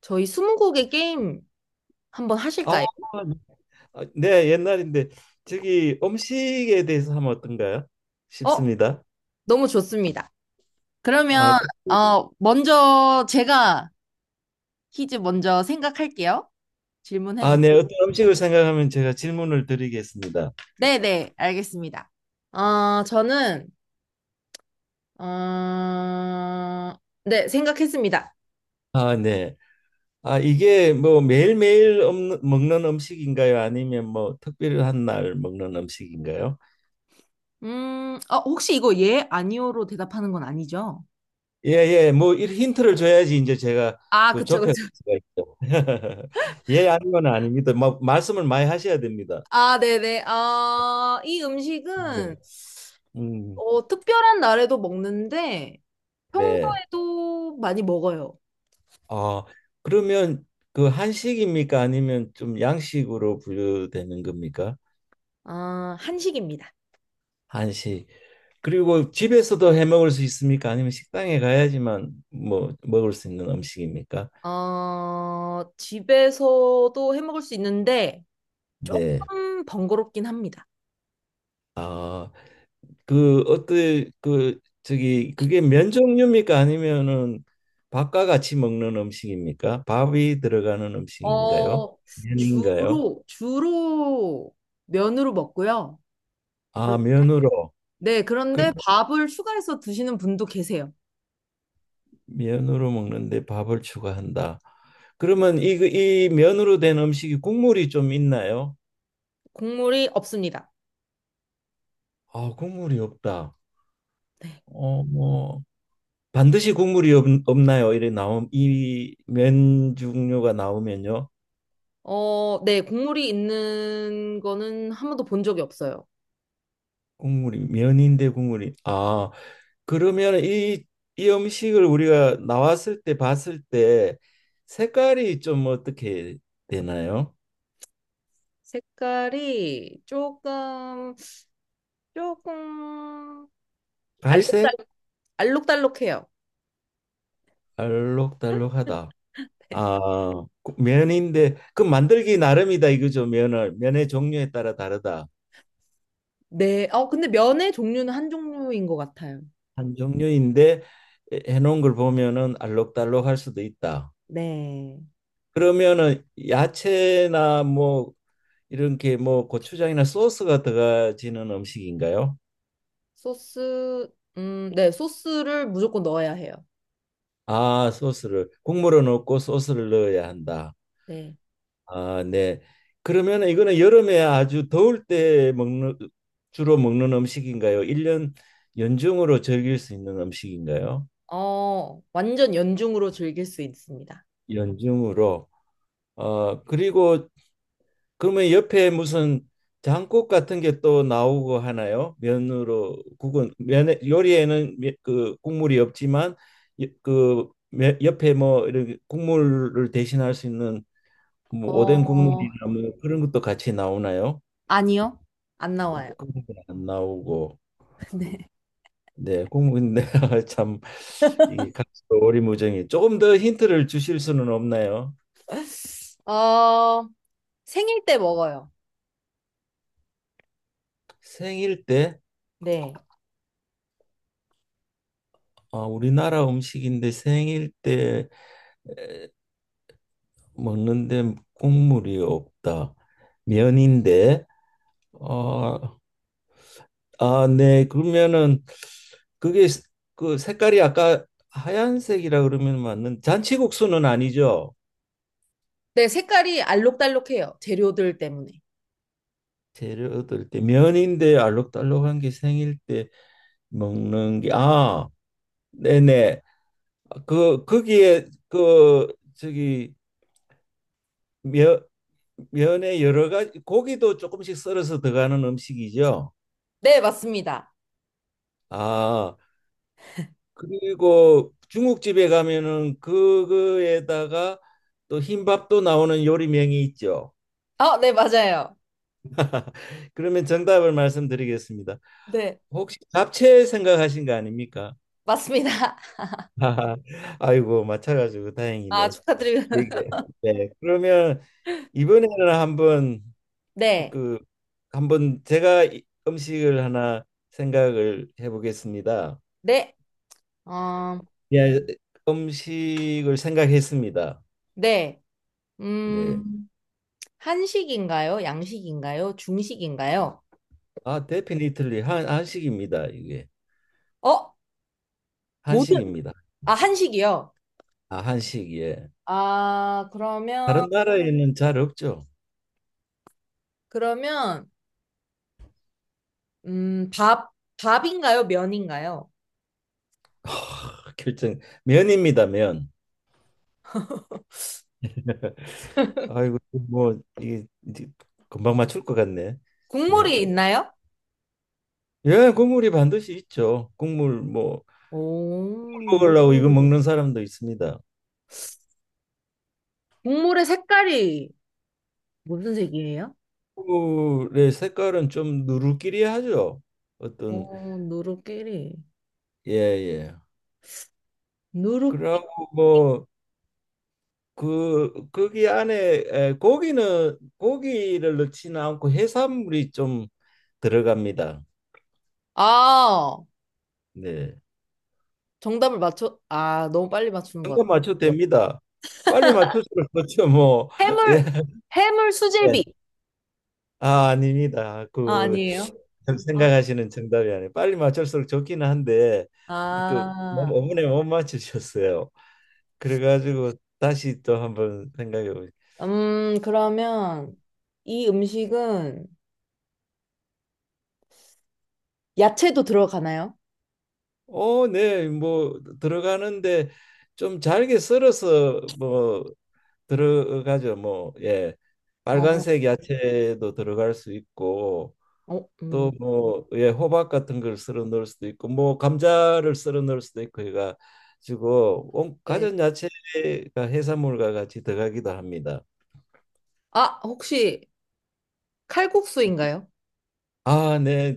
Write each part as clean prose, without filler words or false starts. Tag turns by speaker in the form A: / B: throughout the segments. A: 저희 스무고개 게임 한번
B: 아,
A: 하실까요?
B: 옛날인데 저기 음식에 대해서 하면 어떤가요?
A: 어?
B: 싶습니다.
A: 너무 좋습니다.
B: 아,
A: 그러면
B: 그,
A: 먼저 제가 퀴즈 먼저 생각할게요. 질문해 주세요.
B: 네, 어떤 음식을 생각하면 제가 질문을 드리겠습니다.
A: 네네, 알겠습니다. 아 저는 어... 네, 생각했습니다.
B: 아, 네. 이게 뭐 매일매일 먹는 음식인가요? 아니면 뭐 특별한 날 먹는 음식인가요?
A: 혹시 이거 예, 아니오로 대답하는 건 아니죠?
B: 예, 예. 뭐 이 힌트를 줘야지 이제 제가
A: 아,
B: 그
A: 그쵸,
B: 좁혀 갈
A: 그쵸.
B: 수가 있죠. 예, 아니면 아닙니다. 뭐 말씀을 많이 하셔야 됩니다.
A: 아, 네네. 아, 이 음식은
B: 예. 음,
A: 특별한 날에도 먹는데
B: 네.
A: 평소에도 많이 먹어요.
B: 아, 그러면 그 한식입니까? 아니면 좀 양식으로 분류되는 겁니까?
A: 아, 한식입니다.
B: 한식. 그리고 집에서도 해 먹을 수 있습니까? 아니면 식당에 가야지만 뭐 먹을 수 있는 음식입니까?
A: 집에서도 해 먹을 수 있는데
B: 네.
A: 조금 번거롭긴 합니다.
B: 아, 그 어떤 그 저기 그게 면 종류입니까? 아니면은 밥과 같이 먹는 음식입니까? 밥이 들어가는 음식인가요?
A: 어,
B: 면인가요?
A: 주로 면으로 먹고요.
B: 아,
A: 그런,
B: 면으로.
A: 네,
B: 그
A: 그런데 밥을 추가해서 드시는 분도 계세요.
B: 면으로 먹는데 밥을 추가한다. 그러면 그이 면으로 된 음식이 국물이 좀 있나요?
A: 국물이 없습니다.
B: 아, 국물이 없다.
A: 네.
B: 뭐 반드시 없나요? 이래 나옴 이면 종류가 나오면요.
A: 어, 네, 국물이 있는 거는 한 번도 본 적이 없어요.
B: 국물이 면인데 국물이 아, 그러면 이 음식을 우리가 나왔을 때 봤을 때 색깔이 좀 어떻게 되나요?
A: 색깔이 조금
B: 갈색?
A: 알록달록, 알록달록해요.
B: 알록달록하다. 아, 그 면인데 그 만들기 나름이다 이거죠. 면을 면의 종류에 따라 다르다.
A: 네. 근데 면의 종류는 한 종류인 것 같아요.
B: 한 종류인데 해놓은 걸 보면은 알록달록할 수도 있다.
A: 네.
B: 그러면은 야채나 뭐 이렇게 뭐 고추장이나 소스가 들어가지는 음식인가요?
A: 소스, 네. 소스를 무조건 넣어야 해요.
B: 아, 소스를 국물을 넣고 소스를 넣어야 한다.
A: 네.
B: 아, 네. 그러면 이거는 여름에 아주 더울 때 먹는 주로 먹는 음식인가요? 일년 연중으로 즐길 수 있는 음식인가요?
A: 완전 연중으로 즐길 수 있습니다.
B: 연중으로. 그리고 그러면 옆에 무슨 장국 같은 게 또 나오고 하나요? 면으로 국은 면에 요리에는 그 국물이 없지만 옆에 뭐 이런 국물을 대신할 수 있는 뭐 오뎅
A: 어,
B: 국물이나 뭐 그런 것도 같이 나오나요?
A: 아니요. 안
B: 그런
A: 나와요.
B: 건안 나오고.
A: 네.
B: 네, 국문인데 참 이게 가수도 오리무중이 조금 더 힌트를 주실 수는 없나요?
A: 어, 생일 때 먹어요.
B: 생일 때
A: 네.
B: 아, 우리나라 음식인데 생일 때 에, 먹는데 국물이 없다. 면인데 어, 아, 네. 그러면은 그게 스- 그 색깔이 아까 하얀색이라 그러면 맞는 잔치국수는 아니죠?
A: 네, 색깔이 알록달록해요. 재료들 때문에.
B: 재료 얻을 때 면인데 알록달록한 게 생일 때 먹는 게 아, 네네. 그 거기에 그 저기 면 면에 여러 가지 고기도 조금씩 썰어서 들어가는 음식이죠.
A: 네, 맞습니다.
B: 아, 그리고 중국집에 가면은 그거에다가 또 흰밥도 나오는 요리명이 있죠.
A: 어, 네, 맞아요.
B: 그러면 정답을 말씀드리겠습니다.
A: 네,
B: 혹시 잡채 생각하신 거 아닙니까?
A: 맞습니다.
B: 아이고, 맞춰가지고
A: 아,
B: 다행이네.
A: 축하드립니다.
B: 이게 네. 그러면 이번에는 한번
A: 네,
B: 그 제가 음식을 하나 생각을 해보겠습니다.
A: 네, 어,
B: 예, 음식을 생각했습니다.
A: 네.
B: 네.
A: 음, 한식인가요? 양식인가요? 중식인가요?
B: 아, 데피니틀리 한 한식입니다. 이게
A: 어? 모든,
B: 한식입니다.
A: 아, 한식이요.
B: 아, 한식 예.
A: 아, 그러면,
B: 다른 나라에는 잘 없죠.
A: 그러면, 밥, 밥인가요? 면인가요?
B: 하, 결정 면입니다, 면. 아이고 뭐 이게 이제 금방 맞출 것 같네. 네.
A: 국물이 있나요?
B: 예, 국물이 반드시 있죠. 국물 뭐
A: 오,
B: 먹으려고 이거 먹는 사람도 있습니다.
A: 국물의 색깔이 무슨 색이에요?
B: 얼굴의 색깔은 좀 누르끼리하죠. 어떤
A: 어, 누룩끼리.
B: 예예.
A: 누룩,
B: 그러고 뭐 그 거기 안에 고기는 고기를 넣지는 않고 해산물이 좀 들어갑니다.
A: 아,
B: 네.
A: 정답을 맞춰, 아, 너무 빨리 맞추는 것
B: 정답
A: 같아.
B: 맞춰도 됩니다. 빨리 맞춰시면 그렇죠 뭐. 예.
A: 해물, 해물 수제비.
B: 예. 아 아닙니다.
A: 아,
B: 그
A: 아니에요?
B: 지금
A: 아,
B: 생각하시는 정답이 아니에요. 빨리 맞출수록 좋기는 한데 그
A: 아.
B: 너무 어머니 못 맞추셨어요. 그래가지고 다시 또 한번 생각해 보죠.
A: 그러면 이 음식은 야채도 들어가나요?
B: 어, 네, 뭐 들어가는데 좀 잘게 썰어서 뭐 들어가죠. 뭐 예,
A: 어,
B: 빨간색 야채도 들어갈 수 있고
A: 어,
B: 또 뭐 예, 호박 같은 걸 썰어 넣을 수도 있고 뭐 감자를 썰어 넣을 수도 있고 해가지고
A: 네.
B: 가전 야채가 해산물과 같이 들어가기도 합니다.
A: 아, 혹시 칼국수인가요?
B: 아, 네,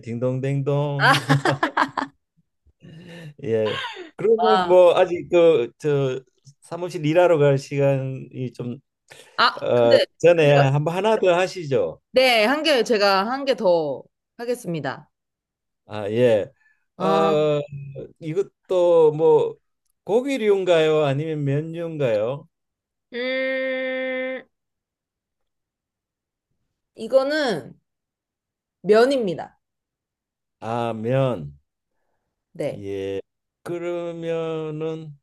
A: 아,
B: 딩동댕동. 예. 그러면
A: 아,
B: 뭐 아직 그 저 사무실 일하러 갈 시간이 좀
A: 아,
B: 어,
A: 근데
B: 전에
A: 제가-
B: 한번 하나 더 하시죠.
A: 네, 한 개, 제가 한 개 더 하겠습니다.
B: 아, 예.
A: 아,
B: 어, 이것도 뭐 고기류인가요? 아니면 면류인가요?
A: 음, 이거는 면입니다.
B: 아, 면.
A: 네.
B: 예. 그러면은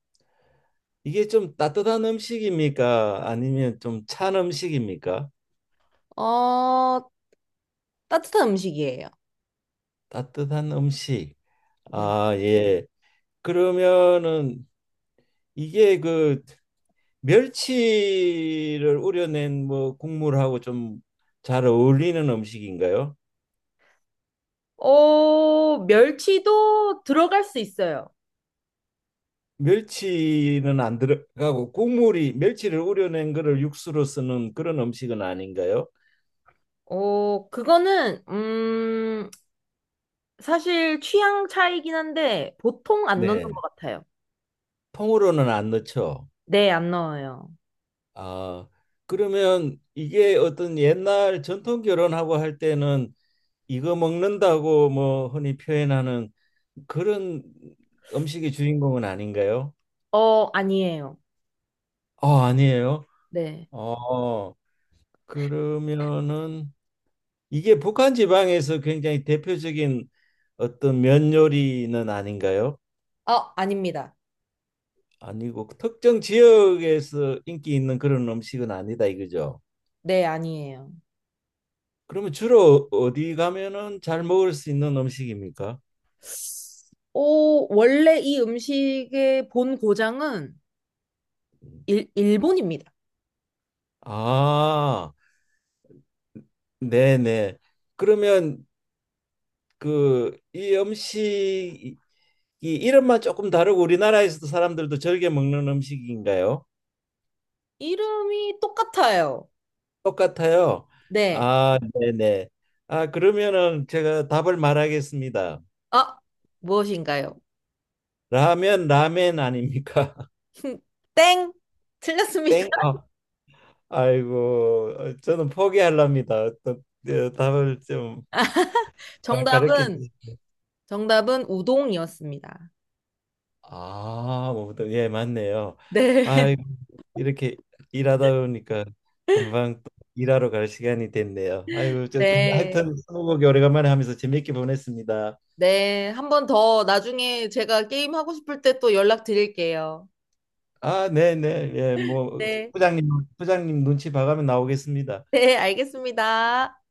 B: 이게 좀 따뜻한 음식입니까? 아니면 좀 찬 음식입니까?
A: 어, 따뜻한 음식이에요.
B: 따뜻한 음식.
A: 네.
B: 아, 예. 그러면은 이게 그 멸치를 우려낸 뭐 국물하고 좀 잘 어울리는 음식인가요?
A: 멸치도 들어갈 수 있어요.
B: 멸치는 안 들어가고 국물이 멸치를 우려낸 거를 육수로 쓰는 그런 음식은 아닌가요?
A: 어, 그거는, 사실 취향 차이긴 한데 보통 안 넣는
B: 네.
A: 것 같아요.
B: 통으로는 안 넣죠.
A: 네, 안 넣어요.
B: 아, 그러면 이게 어떤 옛날 전통 결혼하고 할 때는 이거 먹는다고 뭐 흔히 표현하는 그런 음식의 주인공은 아닌가요?
A: 어, 아니에요.
B: 아, 아니에요.
A: 네.
B: 어, 그러면은 이게 북한 지방에서 굉장히 대표적인 어떤 면 요리는 아닌가요?
A: 아, 아닙니다.
B: 아니고 특정 지역에서 인기 있는 그런 음식은 아니다 이거죠.
A: 네, 아니에요.
B: 그러면 주로 어디 가면은 잘 먹을 수 있는 음식입니까?
A: 오, 원래 이 음식의 본 고장은 일, 일본입니다.
B: 아, 네네. 그러면 그 이 음식이 이름만 조금 다르고 우리나라에서도 사람들도 즐겨 먹는 음식인가요?
A: 이름이 똑같아요.
B: 똑같아요.
A: 네.
B: 아, 네네. 아, 그러면은 제가 답을 말하겠습니다.
A: 아, 무엇인가요?
B: 라면, 라멘 아닙니까?
A: 땡! 틀렸습니다.
B: 땡. 아, 아이고, 저는 포기하렵니다. 답을 좀 가르쳐 주
A: 정답은,
B: 시요
A: 정답은 우동이었습니다.
B: 아, 뭐부터 예, 맞네요.
A: 네.
B: 아, 이렇게 일하다 보니까 금방 또 일하러 갈 시간이 됐네요. 아이고, 저
A: 네.
B: 하여튼 스무고개 오래간만에 하면서 재밌게 보냈습니다.
A: 네, 한 번 더 나중에 제가 게임 하고 싶을 때 또 연락드릴게요.
B: 아, 네, 네. 예, 뭐
A: 네.
B: 부장님 부장님 눈치 봐가면 나오겠습니다.
A: 네, 알겠습니다.